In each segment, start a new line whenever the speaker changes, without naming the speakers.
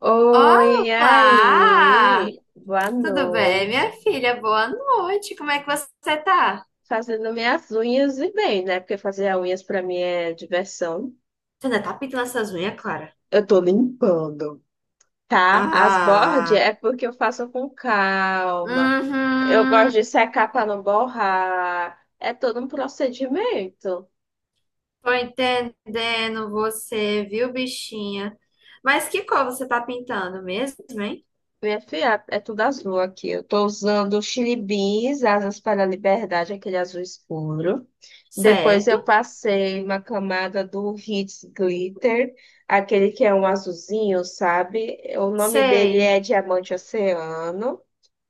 Oi, e
Olá!
aí? Boa
Tudo bem,
noite.
minha filha? Boa noite. Como é que você tá?
Fazendo minhas unhas e bem, né? Porque fazer as unhas pra mim é diversão.
Você ainda tá pintando essas unhas, Clara?
Eu tô limpando, tá? As bordes
Ah,
é porque eu faço com calma. Eu
uhum.
gosto de secar pra não borrar. É todo um procedimento.
Tô entendendo você, viu, bichinha? Mas que cor você tá pintando mesmo, hein?
Minha filha, é tudo azul aqui. Eu tô usando o Chili Beans, Asas para a Liberdade, aquele azul escuro. Depois eu
Certo?
passei uma camada do Hits Glitter, aquele que é um azulzinho, sabe? O nome dele
Sei.
é Diamante Oceano.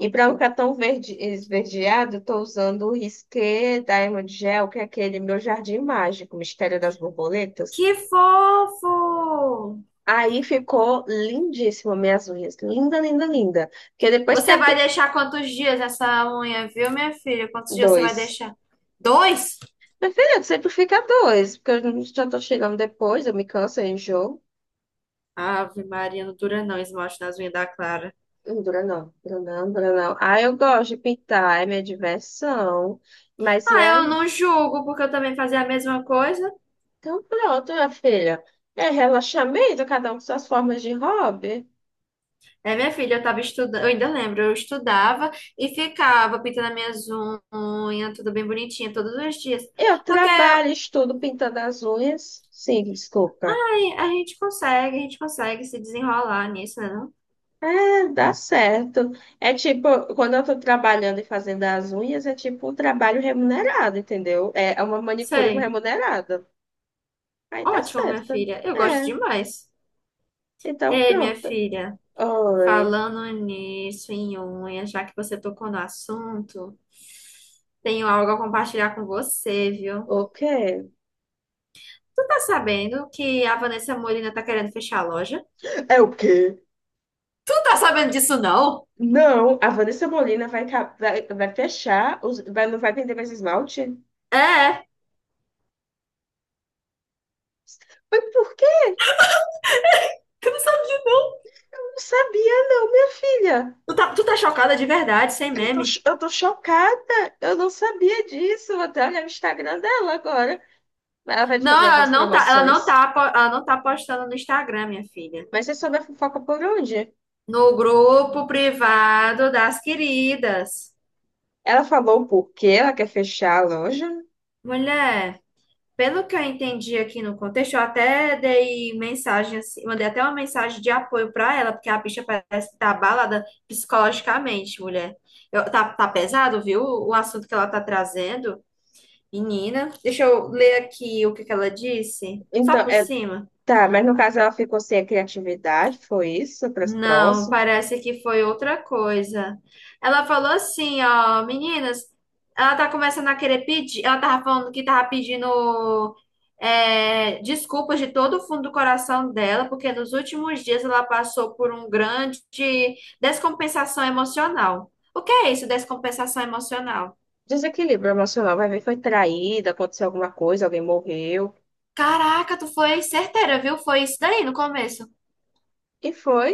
E para não ficar tão verde, esverdeado, estou usando o Risqué Diamond Gel, que é aquele meu jardim mágico, Mistério das Borboletas.
Que fofo!
Aí ficou lindíssimo minhas unhas. Linda, linda, linda. Porque depois que a
Você vai
Arthur...
deixar quantos dias essa unha, viu, minha filha? Quantos dias você vai
Dois.
deixar? Dois?
Meu filho, sempre fica dois, porque eu já estou chegando depois, eu me canso, eu enjoo.
Ave Maria, não dura não, esmalte nas unhas da Clara.
Dura não, dura não, dura não. Ah, eu gosto de pintar, é minha diversão. Mas e
Ah, eu
aí?
não julgo, porque eu também fazia a mesma coisa.
Então pronto, minha filha. É relaxamento, cada um com suas formas de hobby.
É, minha filha, eu tava estudando, eu ainda lembro, eu estudava e ficava pintando as minhas unhas, tudo bem bonitinha, todos os dias.
Eu
Porque aí,
trabalho, estudo pintando as unhas. Sim, desculpa.
a gente consegue se desenrolar nisso, né? Não?
É, dá certo. É tipo, quando eu tô trabalhando e fazendo as unhas, é tipo um trabalho remunerado, entendeu? É uma manicure
Sei.
remunerada. Aí tá
Ótimo, minha
certo.
filha. Eu gosto
É,
demais.
então
Ei, minha
pronto.
filha,
Oi,
falando nisso, em unha, já que você tocou no assunto, tenho algo a compartilhar com você, viu?
o quê?
Tu tá sabendo que a Vanessa Molina tá querendo fechar a loja?
É o quê?
Tu tá sabendo disso, não?
Não, a Vanessa Molina vai fechar, não vai vender mais esmalte?
É, é.
Mas por que? Eu
Eu não sabia.
não sabia, não, minha filha.
Tu tá, tu tá chocada de verdade, sem
Eu tô,
meme.
cho- eu tô chocada. Eu não sabia disso. Vou até olhar o Instagram dela agora. Ela vai
Não,
fazer algumas
ela não
promoções.
tá, po- ela não tá postando no Instagram, minha filha.
Mas você soube a fofoca por onde?
No grupo privado das queridas.
Ela falou o porquê ela quer fechar a loja.
Mulher. Pelo que eu entendi aqui no contexto, eu até dei mensagem, assim, mandei até uma mensagem de apoio pra ela, porque a bicha parece que tá abalada psicologicamente, mulher. Eu- tá, tá pesado, viu? O assunto que ela tá trazendo, menina. Deixa eu ler aqui o que que ela disse, só
Então,
por
é,
cima.
tá, mas no caso ela ficou sem a criatividade, foi isso, para as
Não, parece que foi outra coisa. Ela falou assim, ó, meninas, ela tá começando a querer pedir, ela tava falando que tava pedindo desculpas de todo o fundo do coração dela, porque nos últimos dias ela passou por um grande descompensação emocional. O que é isso, descompensação emocional?
Desequilíbrio emocional, vai ver, foi traída, aconteceu alguma coisa, alguém morreu.
Caraca, tu foi certeira, viu? Foi isso daí no começo.
E foi.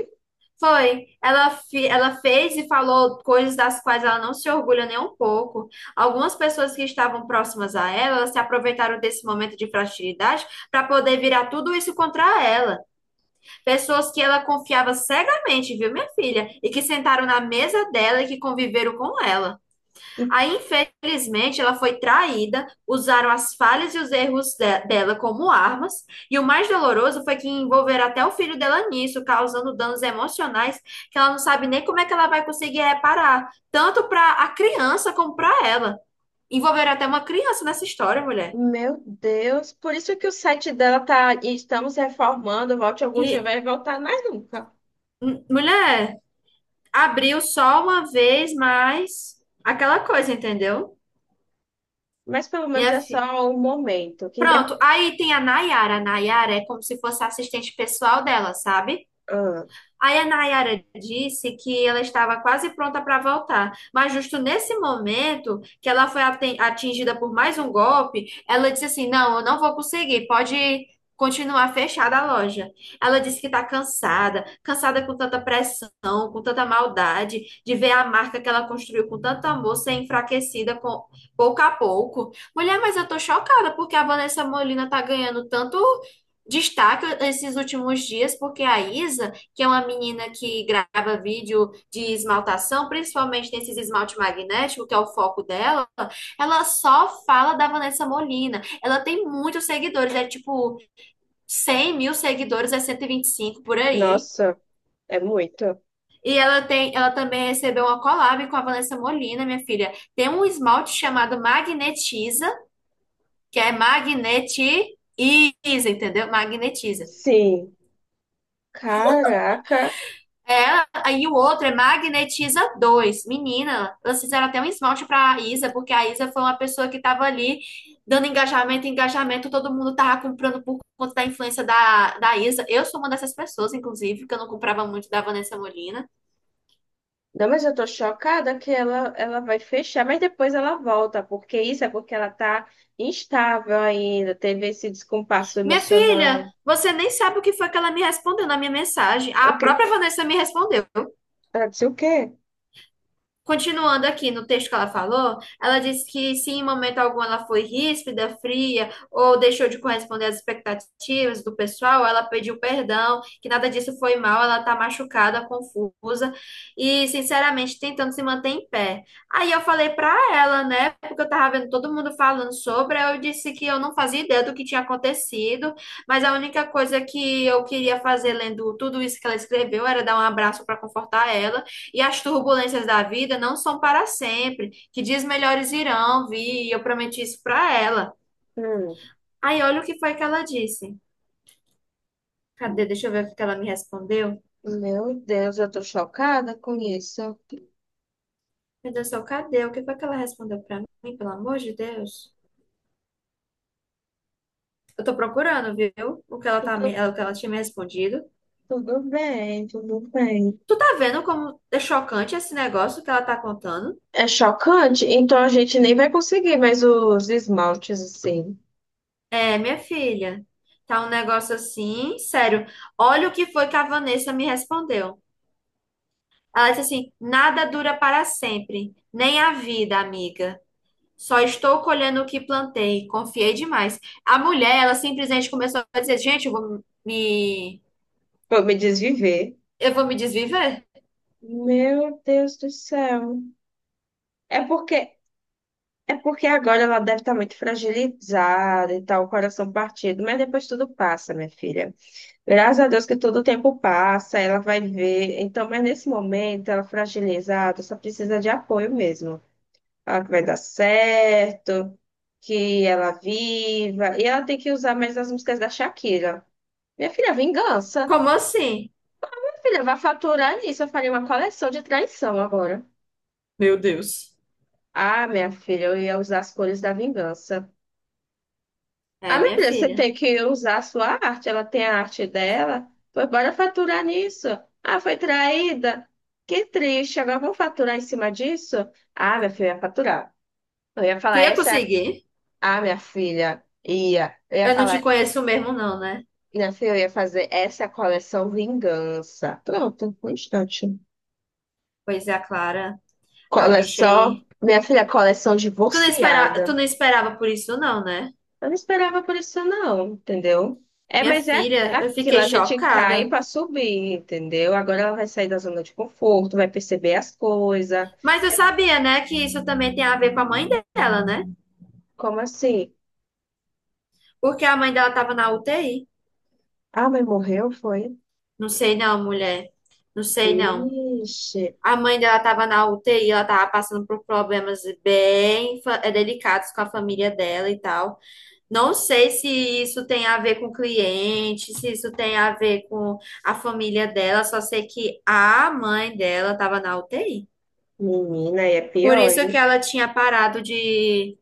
Foi. Ela, fi- ela fez e falou coisas das quais ela não se orgulha nem um pouco. Algumas pessoas que estavam próximas a ela, elas se aproveitaram desse momento de fragilidade para poder virar tudo isso contra ela. Pessoas que ela confiava cegamente, viu, minha filha? E que sentaram na mesa dela e que conviveram com ela.
E-
Aí, infelizmente, ela foi traída, usaram as falhas e os erros de- dela como armas, e o mais doloroso foi que envolveram até o filho dela nisso, causando danos emocionais que ela não sabe nem como é que ela vai conseguir reparar, tanto para a criança como para ela. Envolveram até uma criança nessa história, mulher.
Meu Deus, por isso que o site dela tá. E estamos reformando, volte algum dia, vai
E,
voltar mais nunca.
m- mulher, abriu só uma vez, mas aquela coisa, entendeu?
Mas pelo menos
Minha
é
fi...
só um momento. Que
Pronto,
depois...
aí tem a Nayara. A Nayara é como se fosse a assistente pessoal dela, sabe? Aí a Nayara disse que ela estava quase pronta para voltar, mas justo nesse momento que ela foi aten- atingida por mais um golpe, ela disse assim: Não, eu não vou conseguir, pode continuar fechada a loja. Ela disse que está cansada, cansada com tanta pressão, com tanta maldade, de ver a marca que ela construiu com tanto amor ser enfraquecida com, pouco a pouco. Mulher, mas eu tô chocada porque a Vanessa Molina tá ganhando tanto destaque esses últimos dias, porque a Isa que é uma menina que grava vídeo de esmaltação, principalmente nesses esmalte magnético, que é o foco dela, ela só fala da Vanessa Molina. Ela tem muitos seguidores, é tipo 100 mil seguidores, é 125 por aí.
Nossa, é muito.
E ela tem, ela também recebeu uma collab com a Vanessa Molina, minha filha. Tem um esmalte chamado Magnetiza, que é magnetiza, entendeu? Magnetiza.
Sim. Caraca.
É, aí o outro é Magnetiza dois, menina, elas fizeram até um esmalte pra Isa, porque a Isa foi uma pessoa que tava ali dando engajamento, engajamento, todo mundo tava comprando por conta da influência da Isa. Eu sou uma dessas pessoas, inclusive, que eu não comprava muito da Vanessa Molina.
Não, mas eu tô chocada que ela vai fechar, mas depois ela volta, porque isso é porque ela tá instável ainda, teve esse descompasso
Minha filha,
emocional.
você nem sabe o que foi que ela me respondeu na minha mensagem.
O
A
quê?
própria Vanessa me respondeu.
Ela disse o quê?
Continuando aqui no texto que ela falou, ela disse que se em momento algum ela foi ríspida, fria ou deixou de corresponder às expectativas do pessoal, ela pediu perdão, que nada disso foi mal, ela está machucada, confusa e, sinceramente, tentando se manter em pé. Aí eu falei para ela, né, porque eu tava vendo todo mundo falando sobre, aí eu disse que eu não fazia ideia do que tinha acontecido, mas a única coisa que eu queria fazer lendo tudo isso que ela escreveu era dar um abraço para confortar ela e as turbulências da vida não são para sempre, que dias melhores irão vir, e eu prometi isso para ela.
Hum.
Aí olha o que foi que ela disse. Cadê? Deixa eu ver o que ela me respondeu.
Meu Deus, eu tô chocada com isso.
Meu Deus do céu, cadê? O que foi que ela respondeu para mim, pelo amor de Deus? Eu tô procurando, viu? O que ela tá,
Tudo,
me- o que ela tinha me respondido.
tudo bem, tudo bem.
Tu tá vendo como é chocante esse negócio que ela tá contando?
É chocante, então a gente nem vai conseguir mais os esmaltes assim.
É, minha filha, tá um negócio assim, sério. Olha o que foi que a Vanessa me respondeu. Ela disse assim: nada dura para sempre, nem a vida, amiga. Só estou colhendo o que plantei. Confiei demais. A mulher, ela simplesmente começou a dizer: gente,
Vou me desviver.
eu vou me desviver?
Meu Deus do céu. É porque É porque agora ela deve estar muito fragilizada e tal, o coração partido, mas depois tudo passa, minha filha. Graças a Deus que todo o tempo passa, ela vai ver. Então, mas nesse momento, ela fragilizada, só precisa de apoio mesmo. Ela que vai dar certo, que ela viva. E ela tem que usar mais as músicas da Shakira. Minha filha, vingança.
Como assim?
Minha filha, vai faturar nisso. Eu faria uma coleção de traição agora.
Meu Deus.
Ah, minha filha, eu ia usar as cores da vingança. Ah,
É,
minha
minha
filha, você
filha.
tem que usar a sua arte, ela tem a arte dela. Pois bora faturar nisso. Ah, foi traída. Que triste, agora vamos faturar em cima disso? Ah, minha filha, eu ia faturar. Eu ia
Tu
falar
ia
essa.
conseguir?
Ah, minha filha, ia. Eu ia
Eu não te
falar,
conheço mesmo, não, né?
minha filha, eu ia fazer essa coleção Vingança. Pronto, um instante.
Pois é, a Clara, a bicha
Coleção,
aí.
minha filha, coleção
Tu não espera... tu
divorciada.
não esperava por isso, não, né?
Eu não esperava por isso, não, entendeu? É,
Minha
mas é
filha, eu
aquilo,
fiquei
a gente cai
chocada.
para subir, entendeu? Agora ela vai sair da zona de conforto, vai perceber as coisas.
Mas eu
É
sabia, né, que isso também tem a ver com a mãe dela, né?
como assim?
Porque a mãe dela estava na UTI.
Ah, mas morreu, foi?
Não sei não, mulher. Não sei não.
Ixi,
A mãe dela estava na UTI, ela tava passando por problemas bem fa- delicados com a família dela e tal. Não sei se isso tem a ver com o cliente, se isso tem a ver com a família dela, só sei que a mãe dela estava na UTI.
menina, aí é
Por
pior,
isso que
hein?
ela tinha parado de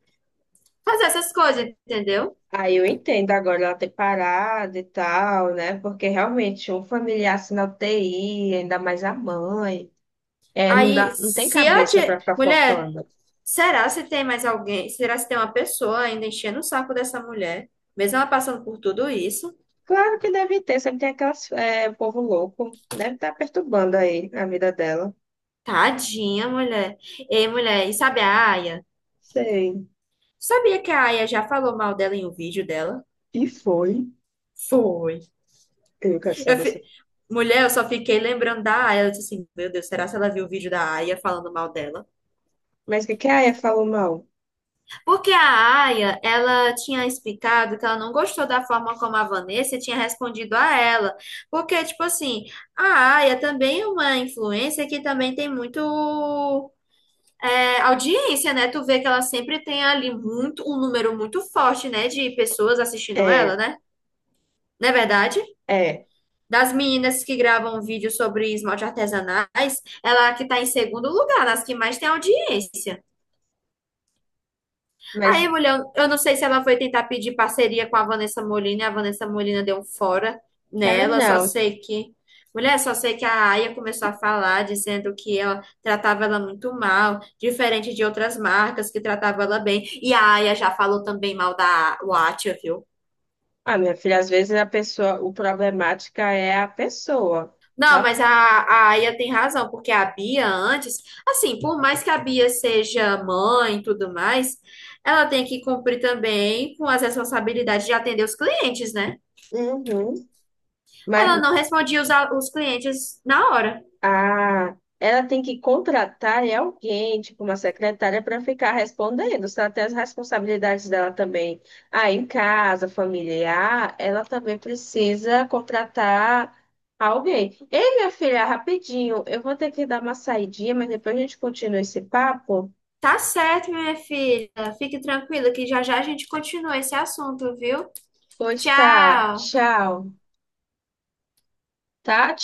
fazer essas coisas, entendeu?
Aí eu entendo agora ela ter parado e tal, né? Porque realmente um familiar assim na UTI, ainda mais a mãe, é, não
Aí,
dá, não tem
se ela
cabeça
tinha.
para ficar
Mulher,
focando.
será se tem mais alguém? Será se tem uma pessoa ainda enchendo o saco dessa mulher? Mesmo ela passando por tudo isso?
Claro que deve ter, sempre tem povo louco. Deve estar perturbando aí a vida dela.
Tadinha, mulher. Ei, mulher, e sabe a Aya?
Sei.
Sabia que a Aya já falou mal dela em um vídeo dela?
E foi.
Foi.
Eu quero
Eu
saber essa.
fi- mulher, eu só fiquei lembrando da Aya. Eu disse assim, meu Deus, será se ela viu o vídeo da Aya falando mal dela?
Mas o que que a Aya falou mal?
Porque a Aya, ela tinha explicado que ela não gostou da forma como a Vanessa tinha respondido a ela. Porque, tipo assim, a Aya também é uma influência que também tem muito audiência, né? Tu vê que ela sempre tem ali muito, um número muito forte, né, de pessoas assistindo
É,
ela, né? Não é verdade?
é.
Das meninas que gravam vídeos sobre esmalte artesanais, ela é a que tá em segundo lugar, nas que mais tem audiência. Aí,
Mas,
mulher, eu não sei se ela foi tentar pedir parceria com a Vanessa Molina, e a Vanessa Molina deu um fora
cara,
nela, só
não.
sei que. Mulher, só sei que a Aya começou a falar, dizendo que ela tratava ela muito mal, diferente de outras marcas que tratavam ela bem. E a Aya já falou também mal da Watcha, viu?
Ah, minha filha, às vezes a pessoa, o problemática é a pessoa.
Não,
Tá?
mas a Aya tem razão, porque a Bia antes, assim, por mais que a Bia seja mãe e tudo mais, ela tem que cumprir também com as responsabilidades de atender os clientes, né?
Uhum. Mas
Ela não respondia os, al- os clientes na hora.
ah, ela tem que contratar é alguém, tipo uma secretária, para ficar respondendo. Se ela tem as responsabilidades dela também, ah, em casa, familiar, ela também precisa contratar alguém. Ei, minha filha, rapidinho, eu vou ter que dar uma saidinha, mas depois a gente continua esse papo.
Tá certo, minha filha. Fique tranquila que já já a gente continua esse assunto, viu?
Pois tá,
Tchau!
tchau. Tá?